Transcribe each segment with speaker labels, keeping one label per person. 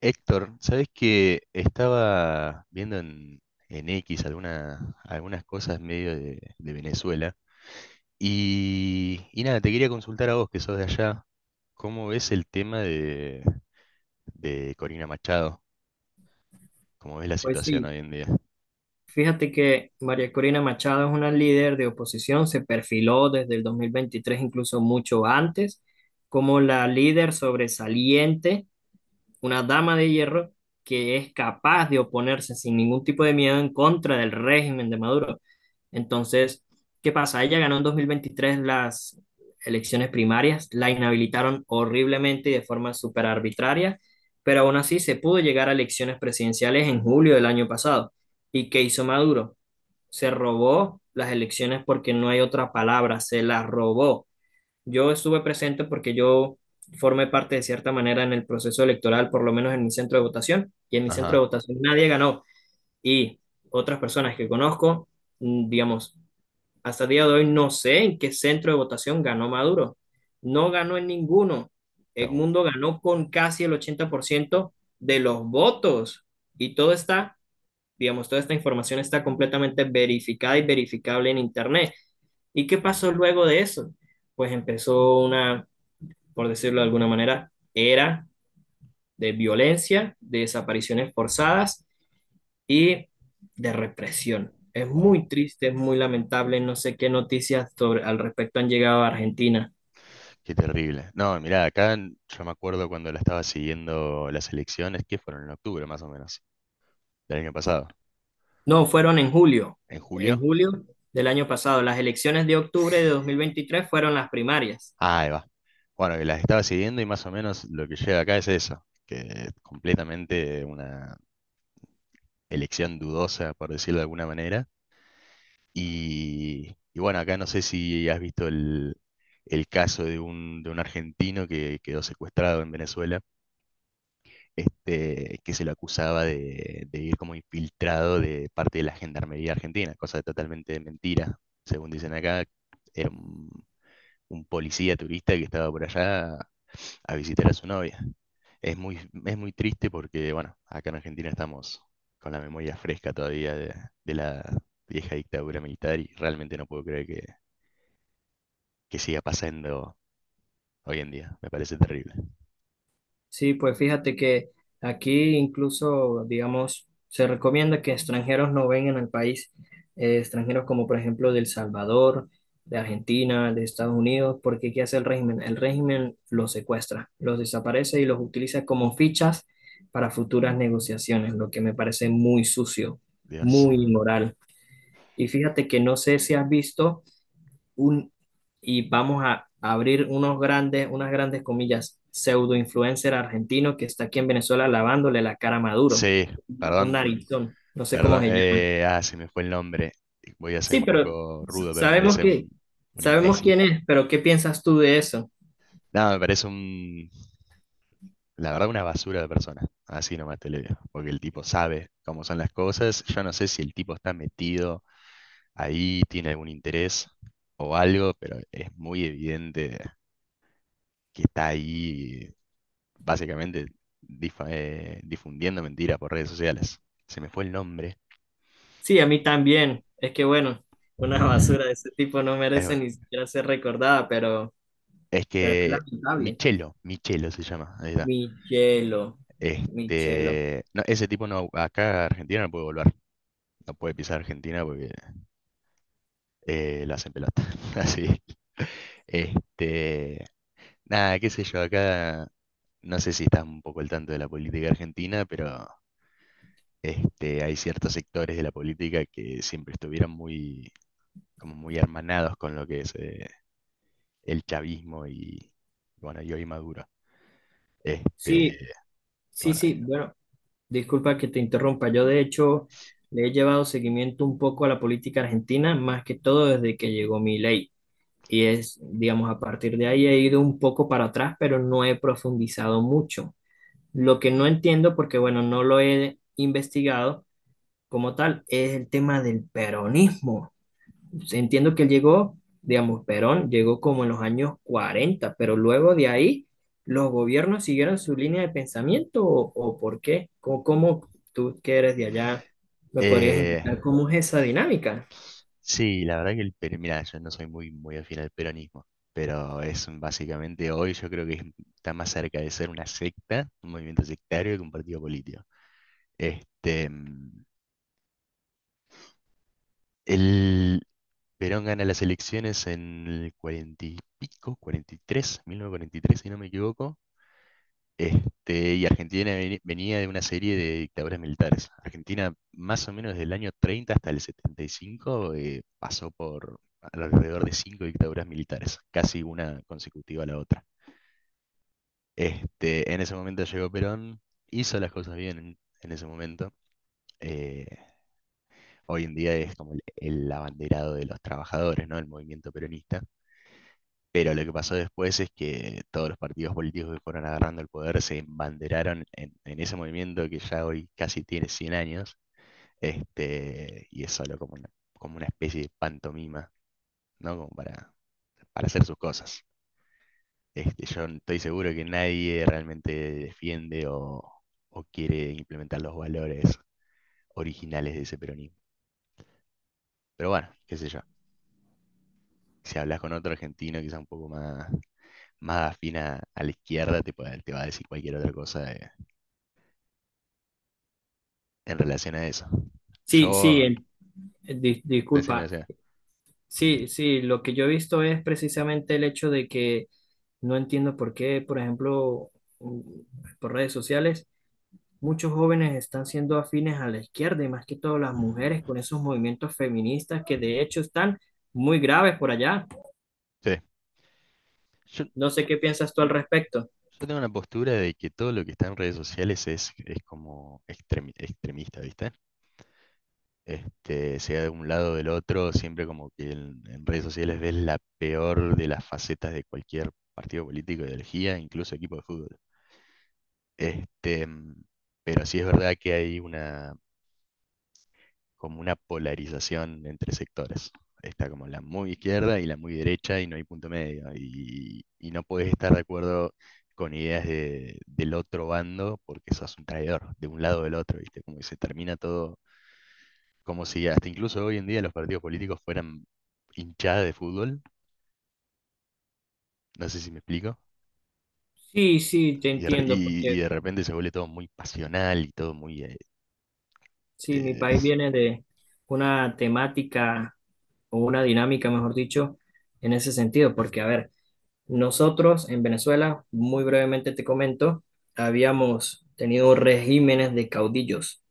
Speaker 1: Héctor, ¿sabes que estaba viendo en X algunas cosas medio de Venezuela? Y nada, te quería consultar a vos que sos de allá, ¿cómo ves el tema de Corina Machado? ¿Cómo ves la
Speaker 2: Pues
Speaker 1: situación
Speaker 2: sí,
Speaker 1: hoy en día?
Speaker 2: fíjate que María Corina Machado es una líder de oposición, se perfiló desde el 2023, incluso mucho antes, como la líder sobresaliente, una dama de hierro que es capaz de oponerse sin ningún tipo de miedo en contra del régimen de Maduro. Entonces, ¿qué pasa? Ella ganó en 2023 las elecciones primarias, la inhabilitaron horriblemente y de forma súper arbitraria, pero aún así se pudo llegar a elecciones presidenciales en julio del año pasado. ¿Y qué hizo Maduro? Se robó las elecciones, porque no hay otra palabra, se las robó. Yo estuve presente porque yo formé parte de cierta manera en el proceso electoral, por lo menos en mi centro de votación, y en mi centro
Speaker 1: Ajá.
Speaker 2: de votación nadie ganó. Y otras personas que conozco, digamos, hasta el día de hoy no sé en qué centro de votación ganó Maduro. No ganó en ninguno. Edmundo ganó con casi el 80% de los votos. Y todo está, digamos, toda esta información está completamente verificada y verificable en Internet. ¿Y qué pasó luego de eso? Pues empezó una, por decirlo de alguna manera, era de violencia, de desapariciones forzadas y de represión. Es
Speaker 1: Wow,
Speaker 2: muy triste, es muy lamentable, no sé qué noticias sobre, al respecto, han llegado a Argentina.
Speaker 1: qué terrible. No, mirá, acá yo me acuerdo cuando la estaba siguiendo las elecciones, que fueron en octubre más o menos, del año pasado,
Speaker 2: No, fueron
Speaker 1: en
Speaker 2: en
Speaker 1: julio.
Speaker 2: julio del año pasado. Las elecciones de octubre de 2023 fueron las primarias.
Speaker 1: Ah, ahí va. Bueno, que las estaba siguiendo y más o menos lo que llega acá es eso, que es completamente una elección dudosa, por decirlo de alguna manera. Y bueno, acá no sé si has visto el caso de un argentino que quedó secuestrado en Venezuela, que se lo acusaba de ir como infiltrado de parte de la Gendarmería Argentina, cosa totalmente mentira. Según dicen acá, era un policía turista que estaba por allá a visitar a su novia. Es muy, es muy triste porque, bueno, acá en Argentina estamos con la memoria fresca todavía de la vieja dictadura militar y realmente no puedo creer que siga pasando hoy en día. Me parece terrible.
Speaker 2: Sí, pues fíjate que aquí incluso, digamos, se recomienda que extranjeros no vengan al país, extranjeros como por ejemplo de El Salvador, de Argentina, de Estados Unidos, porque ¿qué hace el régimen? El régimen los secuestra, los desaparece y los utiliza como fichas para futuras negociaciones, lo que me parece muy sucio,
Speaker 1: Dios.
Speaker 2: muy inmoral. Y fíjate que no sé si has visto un, y vamos a abrir unos grandes, unas grandes comillas, pseudo influencer argentino que está aquí en Venezuela lavándole la cara a Maduro,
Speaker 1: Sí,
Speaker 2: un
Speaker 1: perdón,
Speaker 2: narizón, no sé cómo
Speaker 1: perdón.
Speaker 2: se llama.
Speaker 1: Se me fue el nombre. Voy a ser
Speaker 2: Sí,
Speaker 1: un
Speaker 2: pero
Speaker 1: poco rudo, pero me
Speaker 2: sabemos
Speaker 1: parece un,
Speaker 2: que,
Speaker 1: un
Speaker 2: sabemos
Speaker 1: imbécil.
Speaker 2: quién es, pero ¿qué piensas tú de eso?
Speaker 1: No, me parece la verdad, una basura de persona. Así nomás te lo digo. Porque el tipo sabe cómo son las cosas. Yo no sé si el tipo está metido ahí, tiene algún interés o algo, pero es muy evidente que está ahí básicamente difundiendo mentiras por redes sociales. Se me fue el nombre.
Speaker 2: Sí, a mí también. Es que bueno, una basura de ese tipo no
Speaker 1: Es,
Speaker 2: merece
Speaker 1: bueno,
Speaker 2: ni siquiera ser recordada,
Speaker 1: es
Speaker 2: pero es
Speaker 1: que
Speaker 2: lamentable.
Speaker 1: Michelo, Michelo se llama. Ahí está.
Speaker 2: Mi hielo.
Speaker 1: No, ese tipo no, acá a Argentina no puede volver. No puede pisar Argentina porque la hacen pelota. Así. Este, nada, qué sé yo, acá no sé si estás un poco al tanto de la política argentina, pero hay ciertos sectores de la política que siempre estuvieron muy, como muy hermanados con lo que es el chavismo y, bueno, y hoy Maduro. Este,
Speaker 2: Sí, sí,
Speaker 1: bueno,
Speaker 2: sí, bueno, disculpa que te interrumpa. Yo, de hecho, le he llevado seguimiento un poco a la política argentina, más que todo desde que llegó mi ley. Y es, digamos, a partir de ahí he ido un poco para atrás, pero no he profundizado mucho. Lo que no entiendo, porque bueno, no lo he investigado como tal, es el tema del peronismo, pues. Entiendo que él llegó, digamos, Perón llegó como en los años 40, pero luego de ahí, ¿los gobiernos siguieron su línea de pensamiento o por qué? ¿Cómo, cómo tú que eres de allá me podrías
Speaker 1: eh,
Speaker 2: indicar cómo es esa dinámica?
Speaker 1: sí, la verdad que mira, yo no soy muy, muy afín al peronismo, pero es básicamente hoy yo creo que está más cerca de ser una secta, un movimiento sectario que un partido político. Este, mm, el Perón gana las elecciones en el 40 y pico, 43,943, si no me equivoco. Y Argentina venía de una serie de dictaduras militares. Argentina, más o menos desde el año 30 hasta el 75, pasó por alrededor de cinco dictaduras militares, casi una consecutiva a la otra. En ese momento llegó Perón, hizo las cosas bien en ese momento. eh, Hoy en día es como el abanderado de los trabajadores, ¿no? El movimiento peronista. Pero lo que pasó después es que todos los partidos políticos que fueron agarrando el poder se embanderaron en ese movimiento que ya hoy casi tiene 100 años, y es solo como como una especie de pantomima, ¿no? Como para hacer sus cosas. Yo estoy seguro que nadie realmente defiende o quiere implementar los valores originales de ese peronismo. Pero bueno, qué sé yo. Si hablas con otro argentino quizá un poco más afín a la izquierda, te va a decir cualquier otra cosa de, en relación a eso.
Speaker 2: Sí,
Speaker 1: Yo,
Speaker 2: sí,
Speaker 1: Decime, o
Speaker 2: disculpa.
Speaker 1: sea.
Speaker 2: Sí, sí, lo que yo he visto es precisamente el hecho de que no entiendo por qué, por ejemplo, mm, por redes sociales muchos jóvenes están siendo afines a la izquierda y más que todo las mujeres con esos movimientos feministas que de hecho están muy graves por allá.
Speaker 1: Sí, yo,
Speaker 2: No sé qué piensas tú al
Speaker 1: mm,
Speaker 2: respecto.
Speaker 1: yo tengo una postura de que todo lo que está en redes sociales es como extremista, ¿viste? Sea de un lado o del otro, siempre como que en redes sociales ves la peor de las facetas de cualquier partido político, ideología, incluso equipo de fútbol. Este, mm, pero sí es verdad que hay una como una polarización entre sectores. Está como la muy izquierda y la muy derecha y no hay punto medio. Y no puedes estar de acuerdo con ideas del otro bando porque sos un traidor, de un lado o del otro, ¿viste? Como que se termina todo, como si hasta incluso hoy en día los partidos políticos fueran hinchada de fútbol, no sé si me explico,
Speaker 2: Sí, sí, te
Speaker 1: y de, re-
Speaker 2: entiendo,
Speaker 1: y- y
Speaker 2: porque
Speaker 1: de repente se vuelve todo muy pasional y todo muy... eh,
Speaker 2: sí, mi
Speaker 1: eh, o
Speaker 2: país viene de una temática o una dinámica, mejor dicho, en ese sentido, porque a ver, nosotros en Venezuela, muy brevemente te comento, habíamos tenido regímenes de caudillos,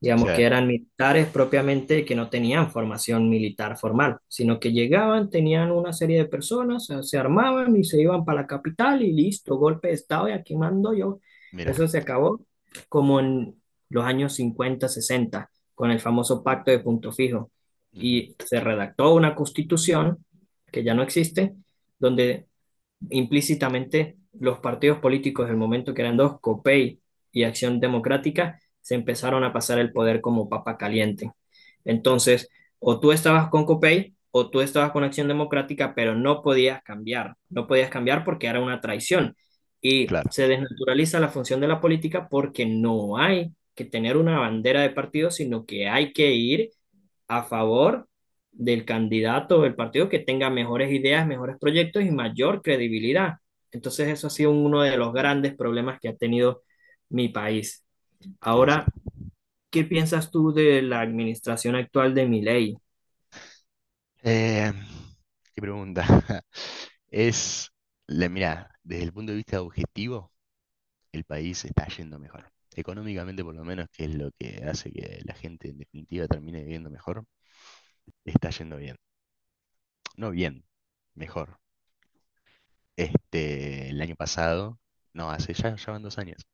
Speaker 2: digamos que
Speaker 1: sea,
Speaker 2: eran militares propiamente que no tenían formación militar formal, sino que llegaban, tenían una serie de personas, se armaban y se iban para la capital y listo, golpe de estado y aquí mando yo.
Speaker 1: mira.
Speaker 2: Eso se acabó como en los años 50, 60, con el famoso pacto de Punto Fijo.
Speaker 1: Ujú,
Speaker 2: Y se redactó una constitución que ya no existe donde implícitamente los partidos políticos del momento, que eran dos, COPEI y Acción Democrática, se empezaron a pasar el poder como papa caliente. Entonces, o tú estabas con COPEI o tú estabas con Acción Democrática, pero no podías cambiar, no podías cambiar porque era una traición. Y
Speaker 1: claro,
Speaker 2: se desnaturaliza la función de la política porque no hay que tener una bandera de partido, sino que hay que ir a favor del candidato del partido que tenga mejores ideas, mejores proyectos y mayor credibilidad. Entonces eso ha sido uno de los grandes problemas que ha tenido mi país.
Speaker 1: que esa.
Speaker 2: Ahora, ¿qué piensas tú de la administración actual de Milei?
Speaker 1: Eh, ¿Qué pregunta? Es, mira, desde el punto de vista objetivo, el país está yendo mejor. Económicamente, por lo menos, que es lo que hace que la gente en definitiva termine viviendo mejor, está yendo bien. No bien, mejor. El año pasado, no, hace ya van 2 años,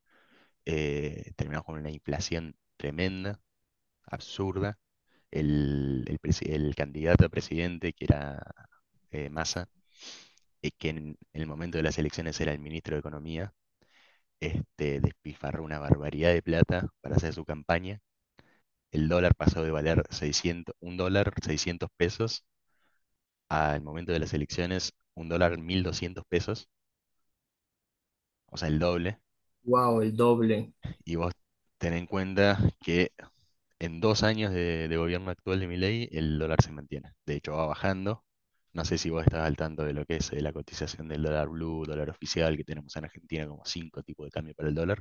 Speaker 1: terminamos con una inflación tremenda, absurda. El candidato a presidente, que era Massa, que en el momento de las elecciones era el ministro de Economía, despifarró una barbaridad de plata para hacer su campaña. El dólar pasó de valer 600, un dólar 600 pesos al momento de las elecciones, un dólar 1200 pesos, o sea, el doble.
Speaker 2: Wow, el doble.
Speaker 1: Y vos ten en cuenta que en 2 años de gobierno actual de Milei, el dólar se mantiene. De hecho, va bajando. No sé si vos estás al tanto de lo que es la cotización del dólar blue, dólar oficial, que tenemos en Argentina como cinco tipos de cambio para el dólar.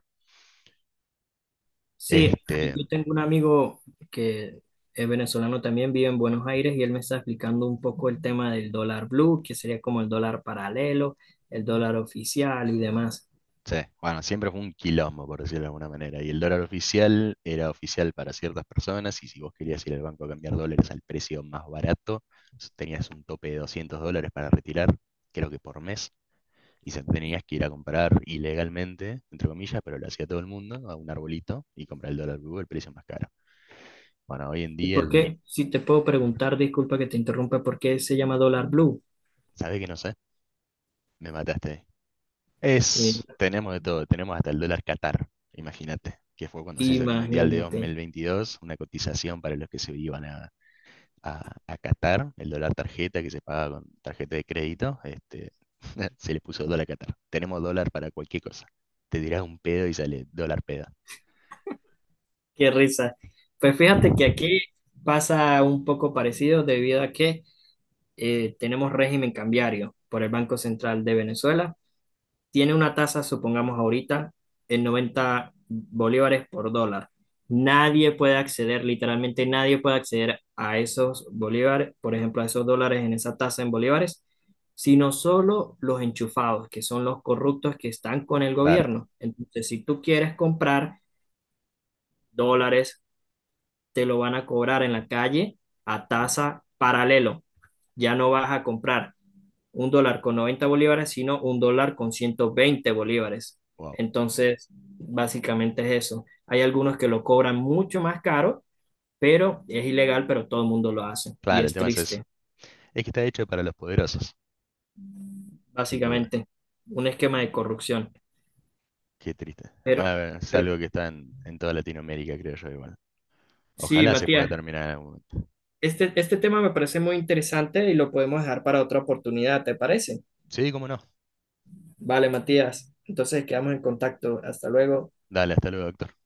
Speaker 2: Sí, ahí
Speaker 1: Este,
Speaker 2: yo tengo un amigo que es venezolano también, vive en Buenos Aires y él me está explicando un poco el tema del dólar blue, que sería como el dólar paralelo, el dólar oficial y demás.
Speaker 1: Sí bueno, siempre fue un quilombo, por decirlo de alguna manera. Y el dólar oficial era oficial para ciertas personas y si vos querías ir al banco a cambiar dólares al precio más barato, tenías un tope de 200 dólares para retirar, creo que por mes, y se tenías que ir a comprar ilegalmente, entre comillas, pero lo hacía todo el mundo, a un arbolito y comprar el dólar blue al precio más caro. Bueno, hoy en
Speaker 2: ¿Y
Speaker 1: día,
Speaker 2: por qué? Si te puedo preguntar, disculpa que te interrumpa, ¿por qué se llama dólar blue?
Speaker 1: ¿sabes que no sé? Me mataste.
Speaker 2: Mira,
Speaker 1: Tenemos de todo, tenemos hasta el dólar Qatar, imagínate, que fue cuando se hizo el Mundial de
Speaker 2: imagínate,
Speaker 1: 2022, una cotización para los que se iban a, a, a Qatar, el dólar tarjeta que se paga con tarjeta de crédito, se le puso dólar Qatar. Tenemos dólar para cualquier cosa. Te dirás un pedo y sale dólar peda.
Speaker 2: qué risa. Pues fíjate que aquí pasa un poco parecido debido a que tenemos régimen cambiario por el Banco Central de Venezuela, tiene una tasa, supongamos ahorita, en 90 bolívares por dólar. Nadie puede acceder, literalmente nadie puede acceder a esos bolívares, por ejemplo, a esos dólares en esa tasa en bolívares, sino solo los enchufados, que son los corruptos que están con el
Speaker 1: Claro,
Speaker 2: gobierno. Entonces, si tú quieres comprar dólares, te lo van a cobrar en la calle a tasa paralelo, ya no vas a comprar un dólar con 90 bolívares, sino un dólar con 120 bolívares.
Speaker 1: wow.
Speaker 2: Entonces, básicamente es eso. Hay algunos que lo cobran mucho más caro, pero es ilegal, pero todo el mundo lo hace y
Speaker 1: Claro, el
Speaker 2: es
Speaker 1: tema es eso.
Speaker 2: triste,
Speaker 1: Es que está hecho para los poderosos, sin duda.
Speaker 2: básicamente, un esquema de corrupción.
Speaker 1: Qué triste. Bueno,
Speaker 2: Pero,
Speaker 1: a ver, es algo
Speaker 2: pero
Speaker 1: que está en toda Latinoamérica, creo yo, igual.
Speaker 2: sí,
Speaker 1: Ojalá se pueda
Speaker 2: Matías,
Speaker 1: terminar en algún momento.
Speaker 2: este tema me parece muy interesante y lo podemos dejar para otra oportunidad, ¿te parece?
Speaker 1: Sí, cómo no.
Speaker 2: Vale, Matías, entonces quedamos en contacto. Hasta luego.
Speaker 1: Dale, hasta luego, doctor.